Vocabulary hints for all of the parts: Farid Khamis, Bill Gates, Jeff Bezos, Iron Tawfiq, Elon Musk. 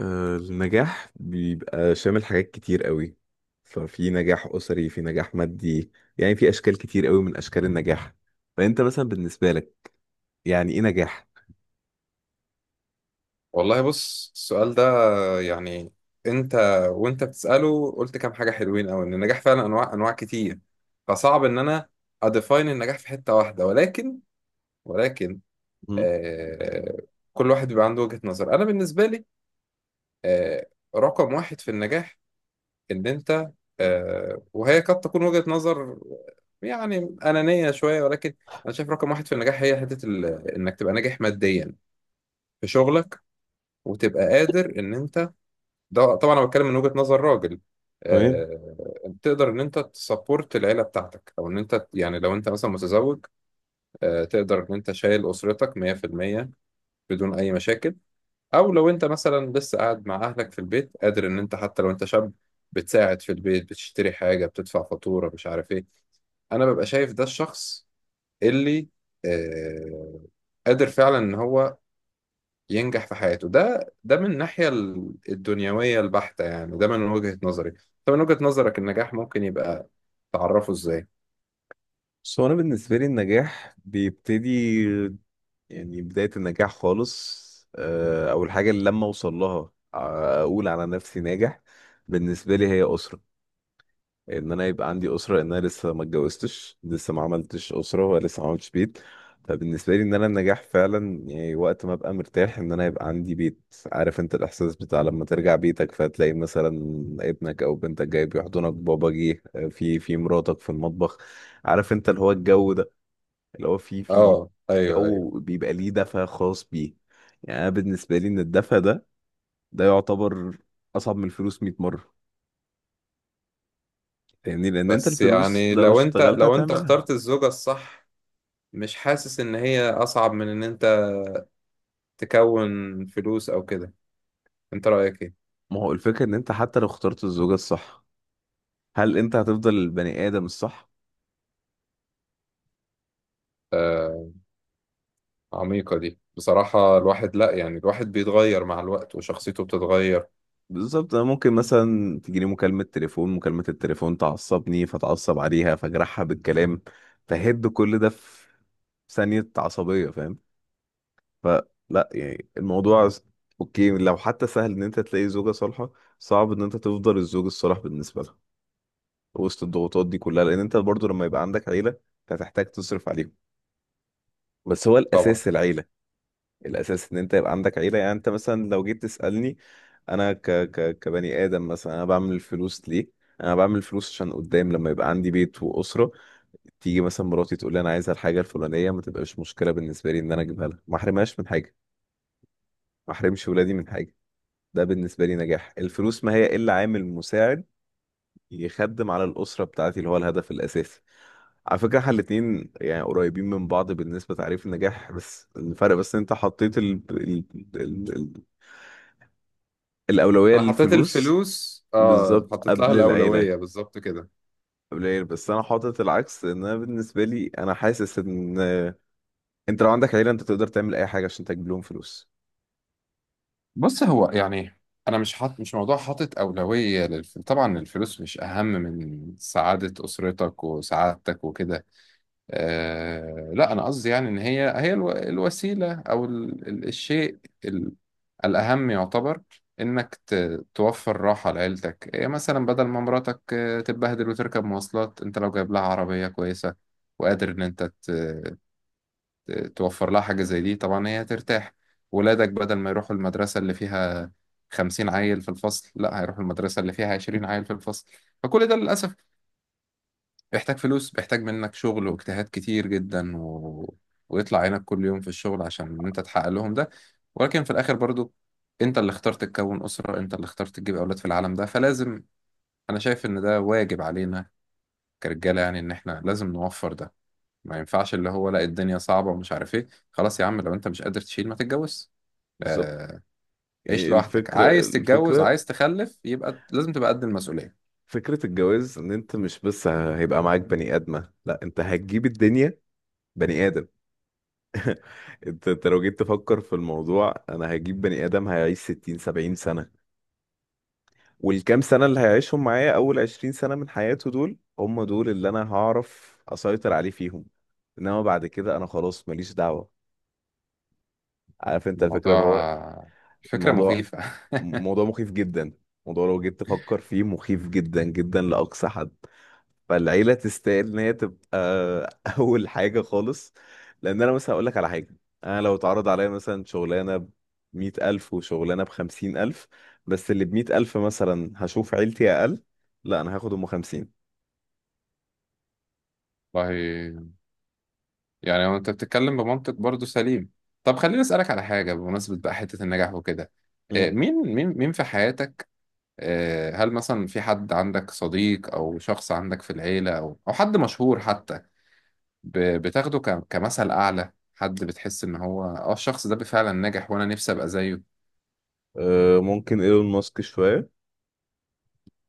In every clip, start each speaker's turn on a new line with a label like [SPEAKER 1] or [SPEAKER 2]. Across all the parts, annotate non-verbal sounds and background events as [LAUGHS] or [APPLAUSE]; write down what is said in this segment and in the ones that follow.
[SPEAKER 1] النجاح بيبقى شامل حاجات كتير قوي. ففي نجاح أسري، في نجاح مادي. يعني في أشكال كتير قوي من أشكال النجاح. فأنت مثلا بالنسبة لك، يعني إيه نجاح؟
[SPEAKER 2] والله بص السؤال ده، يعني انت وانت بتسأله قلت كام حاجة حلوين قوي ان النجاح فعلا انواع كتير. فصعب ان انا اديفاين النجاح في حتة واحدة، ولكن ولكن
[SPEAKER 1] مم.
[SPEAKER 2] آه كل واحد بيبقى عنده وجهة نظر. انا بالنسبة لي، آه رقم واحد في النجاح ان انت، وهي قد تكون وجهة نظر يعني أنانية شوية، ولكن أنا شايف رقم واحد في النجاح هي إنك تبقى ناجح ماديا في شغلك، وتبقى قادر إن أنت، ده طبعا انا بتكلم من وجهة نظر راجل،
[SPEAKER 1] تمام.
[SPEAKER 2] تقدر ان انت تسبورت العيله بتاعتك، او ان انت يعني لو انت مثلا متزوج، تقدر ان انت شايل اسرتك 100% بدون اي مشاكل. او لو انت مثلا لسه قاعد مع اهلك في البيت، قادر ان انت حتى لو انت شاب بتساعد في البيت، بتشتري حاجه، بتدفع فاتوره، مش عارف ايه. انا ببقى شايف ده الشخص اللي آه، قادر فعلا ان هو ينجح في حياته. ده من الناحية الدنيوية البحتة، يعني ده من وجهة نظري. طب من وجهة نظرك النجاح ممكن يبقى تعرفه ازاي؟
[SPEAKER 1] بس هو أنا بالنسبة لي النجاح بيبتدي، يعني بداية النجاح خالص. أول حاجة اللي لما أوصل لها، أقول على نفسي ناجح، بالنسبة لي هي أسرة. ان انا يبقى عندي اسره، ان انا لسه ما اتجوزتش، لسه ما عملتش اسره ولسه ما عملتش بيت. فبالنسبه لي ان انا النجاح فعلا، يعني وقت ما ابقى مرتاح ان انا يبقى عندي بيت. عارف انت الاحساس بتاع لما ترجع بيتك فتلاقي مثلا ابنك او بنتك جاي بيحضنك، بابا جه، في مراتك في المطبخ. عارف انت اللي هو الجو ده، اللي هو في
[SPEAKER 2] اه، ايوه ايوه.
[SPEAKER 1] جو بيبقى ليه دفى خاص بيه. يعني انا بالنسبه لي ان الدفى ده، يعتبر اصعب من الفلوس 100 مره. فاهمني، لان انت
[SPEAKER 2] بس
[SPEAKER 1] الفلوس
[SPEAKER 2] يعني
[SPEAKER 1] لو
[SPEAKER 2] لو انت
[SPEAKER 1] اشتغلت
[SPEAKER 2] لو انت
[SPEAKER 1] هتعملها.
[SPEAKER 2] اخترت الزوجة الصح، مش حاسس ان هي اصعب من ان انت تكون فلوس او كده؟ انت رأيك ايه؟
[SPEAKER 1] ما هو الفكرة ان انت حتى لو اخترت الزوجة الصح، هل انت هتفضل البني ادم الصح؟
[SPEAKER 2] آه. عميقة دي بصراحة. الواحد لا، يعني الواحد بيتغير مع الوقت وشخصيته بتتغير.
[SPEAKER 1] بالظبط. انا ممكن مثلا تجيني مكالمة تليفون، مكالمة التليفون تعصبني، فتعصب عليها فاجرحها بالكلام. فهد كل ده في ثانية عصبية، فاهم؟ فلا يعني الموضوع اوكي، لو حتى سهل ان انت تلاقي زوجة صالحة، صعب ان انت تفضل الزوج الصالح بالنسبة لها وسط الضغوطات دي كلها، لان انت برضو لما يبقى عندك عيلة أنت هتحتاج تصرف عليهم. بس هو
[SPEAKER 2] طبعا.
[SPEAKER 1] الاساس العيلة. الاساس ان انت يبقى عندك عيله. يعني انت مثلا لو جيت تسالني، انا ك ك كبني ادم مثلا، انا بعمل الفلوس ليه؟ انا بعمل الفلوس عشان قدام لما يبقى عندي بيت واسره. تيجي مثلا مراتي تقول لي انا عايزه الحاجه الفلانيه، ما تبقاش مشكله بالنسبه لي ان انا اجيبها لها، ما احرمهاش من حاجه، ما احرمش ولادي من حاجه. ده بالنسبه لي نجاح. الفلوس ما هي الا عامل مساعد يخدم على الاسره بتاعتي اللي هو الهدف الاساسي. على فكره، احنا الاتنين يعني قريبين من بعض بالنسبه لتعريف النجاح، بس الفرق بس إن انت حطيت ال... الأولوية
[SPEAKER 2] انا حطيت
[SPEAKER 1] للفلوس،
[SPEAKER 2] الفلوس، اه
[SPEAKER 1] بالظبط
[SPEAKER 2] حطيت لها
[SPEAKER 1] قبل العيلة
[SPEAKER 2] الأولوية بالظبط كده.
[SPEAKER 1] قبل العيلة بس أنا حاطط العكس. إن أنا بالنسبة لي أنا حاسس إن أنت لو عندك عيلة أنت تقدر تعمل أي حاجة عشان تجيب لهم فلوس.
[SPEAKER 2] بص، هو يعني انا مش حاط، مش موضوع حاطط اولويه للف... طبعا الفلوس مش اهم من سعاده اسرتك وسعادتك وكده. لا انا قصدي يعني ان هي الو... الوسيله، او الشيء ال... الاهم يعتبر، انك توفر راحه لعيلتك. إيه مثلا، بدل ما مراتك تتبهدل وتركب مواصلات، انت لو جايب لها عربيه كويسه وقادر ان انت توفر لها حاجة زي دي، طبعا هي هترتاح. ولادك بدل ما يروحوا المدرسة اللي فيها خمسين عيل في الفصل، لا هيروحوا المدرسة اللي فيها عشرين عيل في الفصل. فكل ده للأسف بيحتاج فلوس، بيحتاج منك شغل واجتهاد كتير جدا ويطلع عينك كل يوم في الشغل عشان إن أنت تحقق لهم ده. ولكن في الآخر برضو، أنت اللي اخترت تكون أسرة، أنت اللي اخترت تجيب أولاد في العالم ده، فلازم، أنا شايف إن ده واجب علينا كرجالة، يعني إن إحنا لازم نوفر ده. ما ينفعش اللي هو لا الدنيا صعبة ومش عارف ايه. خلاص يا عم، لو انت مش قادر تشيل ما تتجوز.
[SPEAKER 1] بالظبط.
[SPEAKER 2] آه. عيش
[SPEAKER 1] إيه
[SPEAKER 2] لوحدك.
[SPEAKER 1] الفكرة،
[SPEAKER 2] عايز تتجوز،
[SPEAKER 1] الفكرة
[SPEAKER 2] عايز تخلف، يبقى لازم تبقى قد المسؤولية.
[SPEAKER 1] فكرة الجواز إن أنت مش بس هيبقى معاك بني آدمة، لا أنت هتجيب الدنيا، بني آدم. أنت لو جيت تفكر في الموضوع، أنا هجيب بني آدم هيعيش 60 70 سنة، والكام سنة اللي هيعيشهم معايا؟ أول 20 سنة من حياته دول هم دول اللي أنا هعرف أسيطر عليه فيهم. إنما بعد كده أنا خلاص ماليش دعوة. عارف أنت الفكرة اللي هو
[SPEAKER 2] الموضوع فكرة
[SPEAKER 1] الموضوع،
[SPEAKER 2] مخيفة.
[SPEAKER 1] موضوع مخيف جدا. موضوع لو جيت تفكر فيه مخيف جدا جدا لأقصى حد. فالعيلة تستاهل إن هي تبقى [LAUGHS] أول حاجة خالص. لأن أنا مثلا هقول لك على حاجة. أنا لو اتعرض عليا مثلا شغلانة بـ100 ألف وشغلانة بـ50 ألف، بس اللي بـ100 ألف مثلا هشوف عيلتي أقل، لا انا هاخد 50.
[SPEAKER 2] [LAUGHS] والله، يعني هو انت بتتكلم بمنطق برضو سليم. طب خليني اسألك على حاجة بمناسبة بقى حتة النجاح وكده.
[SPEAKER 1] مم.
[SPEAKER 2] مين في حياتك؟ هل مثلا في حد عندك صديق، او شخص عندك في العيلة، او او حد مشهور حتى، بتاخده كمثل أعلى، حد بتحس إن هو الشخص ده فعلا ناجح وأنا نفسي أبقى زيه؟
[SPEAKER 1] ممكن ايلون ماسك شوية،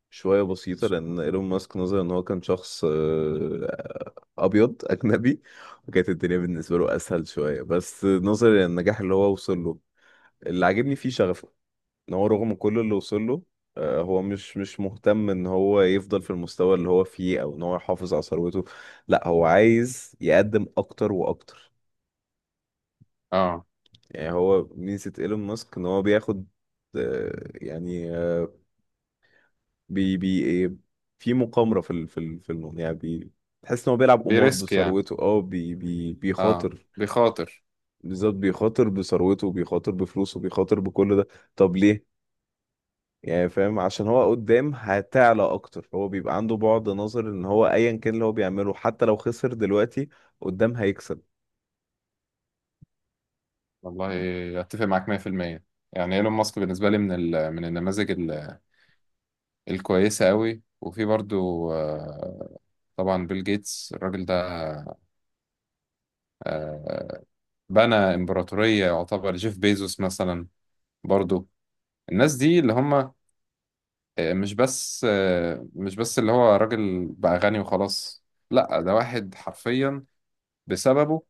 [SPEAKER 1] شوية بسيطة، لأن ايلون ماسك نظرا إن هو كان شخص أبيض [LAUGHS] أجنبي، وكانت الدنيا بالنسبة له أسهل شوية، بس نظرا للنجاح اللي هو وصل له، اللي عاجبني فيه شغفه، إن هو رغم كل اللي وصل له، هو مش مهتم إن هو يفضل في المستوى اللي هو فيه أو إن هو يحافظ على ثروته. لأ هو عايز يقدم أكتر وأكتر.
[SPEAKER 2] آه.
[SPEAKER 1] يعني هو ميزة ايلون ماسك إن هو بياخد، يعني آه، بي بي ايه في مقامرة في الموضوع، يعني تحس ان هو بيلعب قمار
[SPEAKER 2] بيريسك يعني.
[SPEAKER 1] بثروته. اه بي بي
[SPEAKER 2] آه.
[SPEAKER 1] بيخاطر،
[SPEAKER 2] بيخاطر.
[SPEAKER 1] بالذات بيخاطر بثروته، بيخاطر بفلوسه، بيخاطر بكل ده. طب ليه؟ يعني فاهم، عشان هو قدام هتعلى اكتر. هو بيبقى عنده بعد نظر ان هو ايا كان اللي هو بيعمله، حتى لو خسر دلوقتي قدام هيكسب.
[SPEAKER 2] والله أتفق معاك 100%. يعني إيلون ماسك بالنسبة لي من ال، من النماذج ال، الكويسة قوي. وفي برضو، طبعا بيل جيتس، الراجل ده، آه، بنى إمبراطورية. يعتبر جيف بيزوس مثلا برضو، الناس دي اللي هم مش بس اللي هو راجل بقى غني وخلاص، لا ده واحد حرفيا بسببه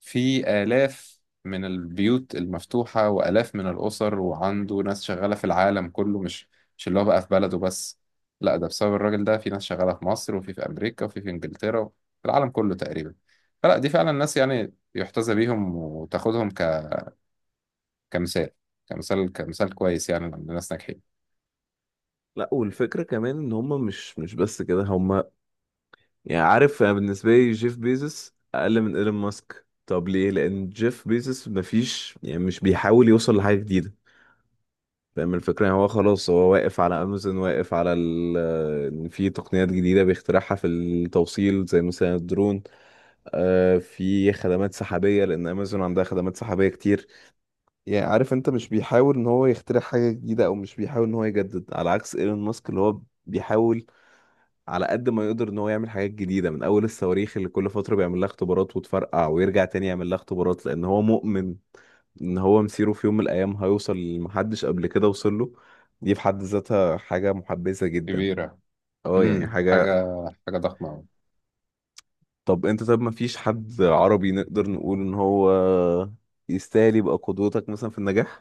[SPEAKER 2] في آلاف من البيوت المفتوحة وآلاف من الأسر، وعنده ناس شغالة في العالم كله. مش اللي هو بقى في بلده بس، لا ده بسبب الراجل ده في ناس شغالة في مصر، وفي أمريكا، وفي إنجلترا، في العالم كله تقريبا. فلا، دي فعلا ناس يعني يحتذى بيهم، وتاخدهم كمثال، كمثال كويس، يعني لما ناس ناجحين.
[SPEAKER 1] لا، والفكرة كمان ان هم مش بس كده. هم يعني عارف، أنا بالنسبة لي جيف بيزوس أقل من إيلون ماسك. طب ليه؟ لأن جيف بيزوس مفيش، يعني مش بيحاول يوصل لحاجة جديدة. فاهم الفكرة؟ يعني هو خلاص هو واقف على أمازون، واقف على إن في تقنيات جديدة بيخترعها في التوصيل زي مثلا الدرون. آه في خدمات سحابية لأن أمازون عندها خدمات سحابية كتير. يعني عارف أنت، مش بيحاول إن هو يخترع حاجة جديدة أو مش بيحاول إن هو يجدد، على عكس إيلون ماسك اللي هو بيحاول على قد ما يقدر ان هو يعمل حاجات جديده، من اول الصواريخ اللي كل فتره بيعمل لها اختبارات وتفرقع ويرجع تاني يعمل لها اختبارات، لان هو مؤمن ان هو مسيره في يوم من الايام هيوصل لمحدش قبل كده وصل له. دي في حد ذاتها حاجه محبذه جدا.
[SPEAKER 2] كبيرة.
[SPEAKER 1] اه يعني
[SPEAKER 2] امم،
[SPEAKER 1] حاجه.
[SPEAKER 2] حاجة، حاجة ضخمة أوي.
[SPEAKER 1] طب انت، طب ما فيش حد عربي نقدر نقول ان هو يستاهل يبقى قدوتك مثلا في النجاح؟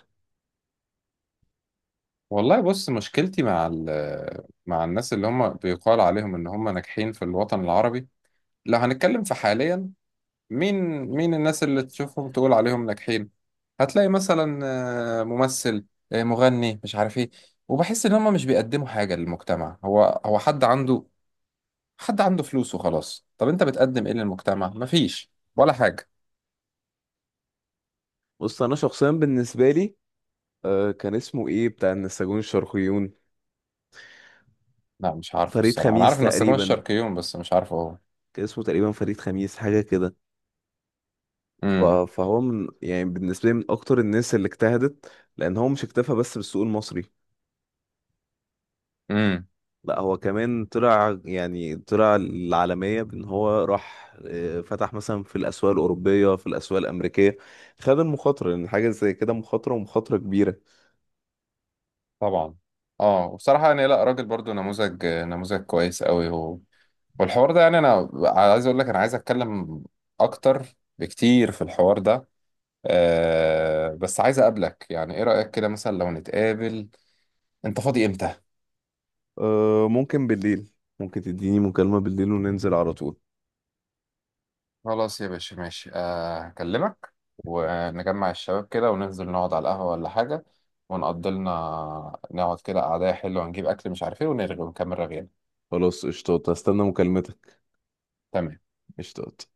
[SPEAKER 2] والله بص، مشكلتي مع مع الناس اللي هم بيقال عليهم ان هم ناجحين في الوطن العربي، لو هنتكلم في حاليا، مين، مين الناس اللي تشوفهم تقول عليهم ناجحين؟ هتلاقي مثلا ممثل، مغني، مش عارف ايه. وبحس ان هم مش بيقدموا حاجة للمجتمع. هو حد عنده، حد عنده فلوس وخلاص. طب انت بتقدم ايه للمجتمع؟ مفيش ولا حاجة.
[SPEAKER 1] بص انا شخصيا بالنسبه لي، كان اسمه ايه بتاع النساجون الشرقيون؟
[SPEAKER 2] لا مش عارفه
[SPEAKER 1] فريد
[SPEAKER 2] الصراحة، انا
[SPEAKER 1] خميس
[SPEAKER 2] عارف ان السجون
[SPEAKER 1] تقريبا.
[SPEAKER 2] الشرقيون بس مش عارفه هو.
[SPEAKER 1] كان اسمه تقريبا فريد خميس، حاجه كده.
[SPEAKER 2] امم.
[SPEAKER 1] فهو من، يعني بالنسبة لي من أكتر الناس اللي اجتهدت، لأن هو مش اكتفى بس بالسوق المصري.
[SPEAKER 2] إمم.
[SPEAKER 1] لا هو كمان طلع، يعني طلع العالمية بأن هو راح فتح مثلا في الأسواق الأوروبية، في الأسواق الأمريكية. خد المخاطرة، لأن حاجة زي كده مخاطرة ومخاطرة كبيرة.
[SPEAKER 2] طبعا. اه، وبصراحة يعني لا، راجل برضو نموذج، نموذج كويس قوي هو. والحوار ده، يعني انا عايز اقول لك انا عايز اتكلم اكتر بكتير في الحوار ده. أه، بس عايز اقابلك، يعني ايه رأيك كده مثلا لو نتقابل؟ انت فاضي امتى؟
[SPEAKER 1] ممكن بالليل. ممكن تديني مكالمة بالليل وننزل على طول.
[SPEAKER 2] خلاص يا باشا، ماشي. آه، هكلمك ونجمع الشباب كده وننزل نقعد على القهوة ولا حاجة، ونقضي لنا نقعد كده قعدة حلوة، ونجيب اكل مش عارف ايه، ونرغي ونكمل رغينا.
[SPEAKER 1] خلاص قشطات، هستنى مكالمتك.
[SPEAKER 2] تمام.
[SPEAKER 1] قشطات.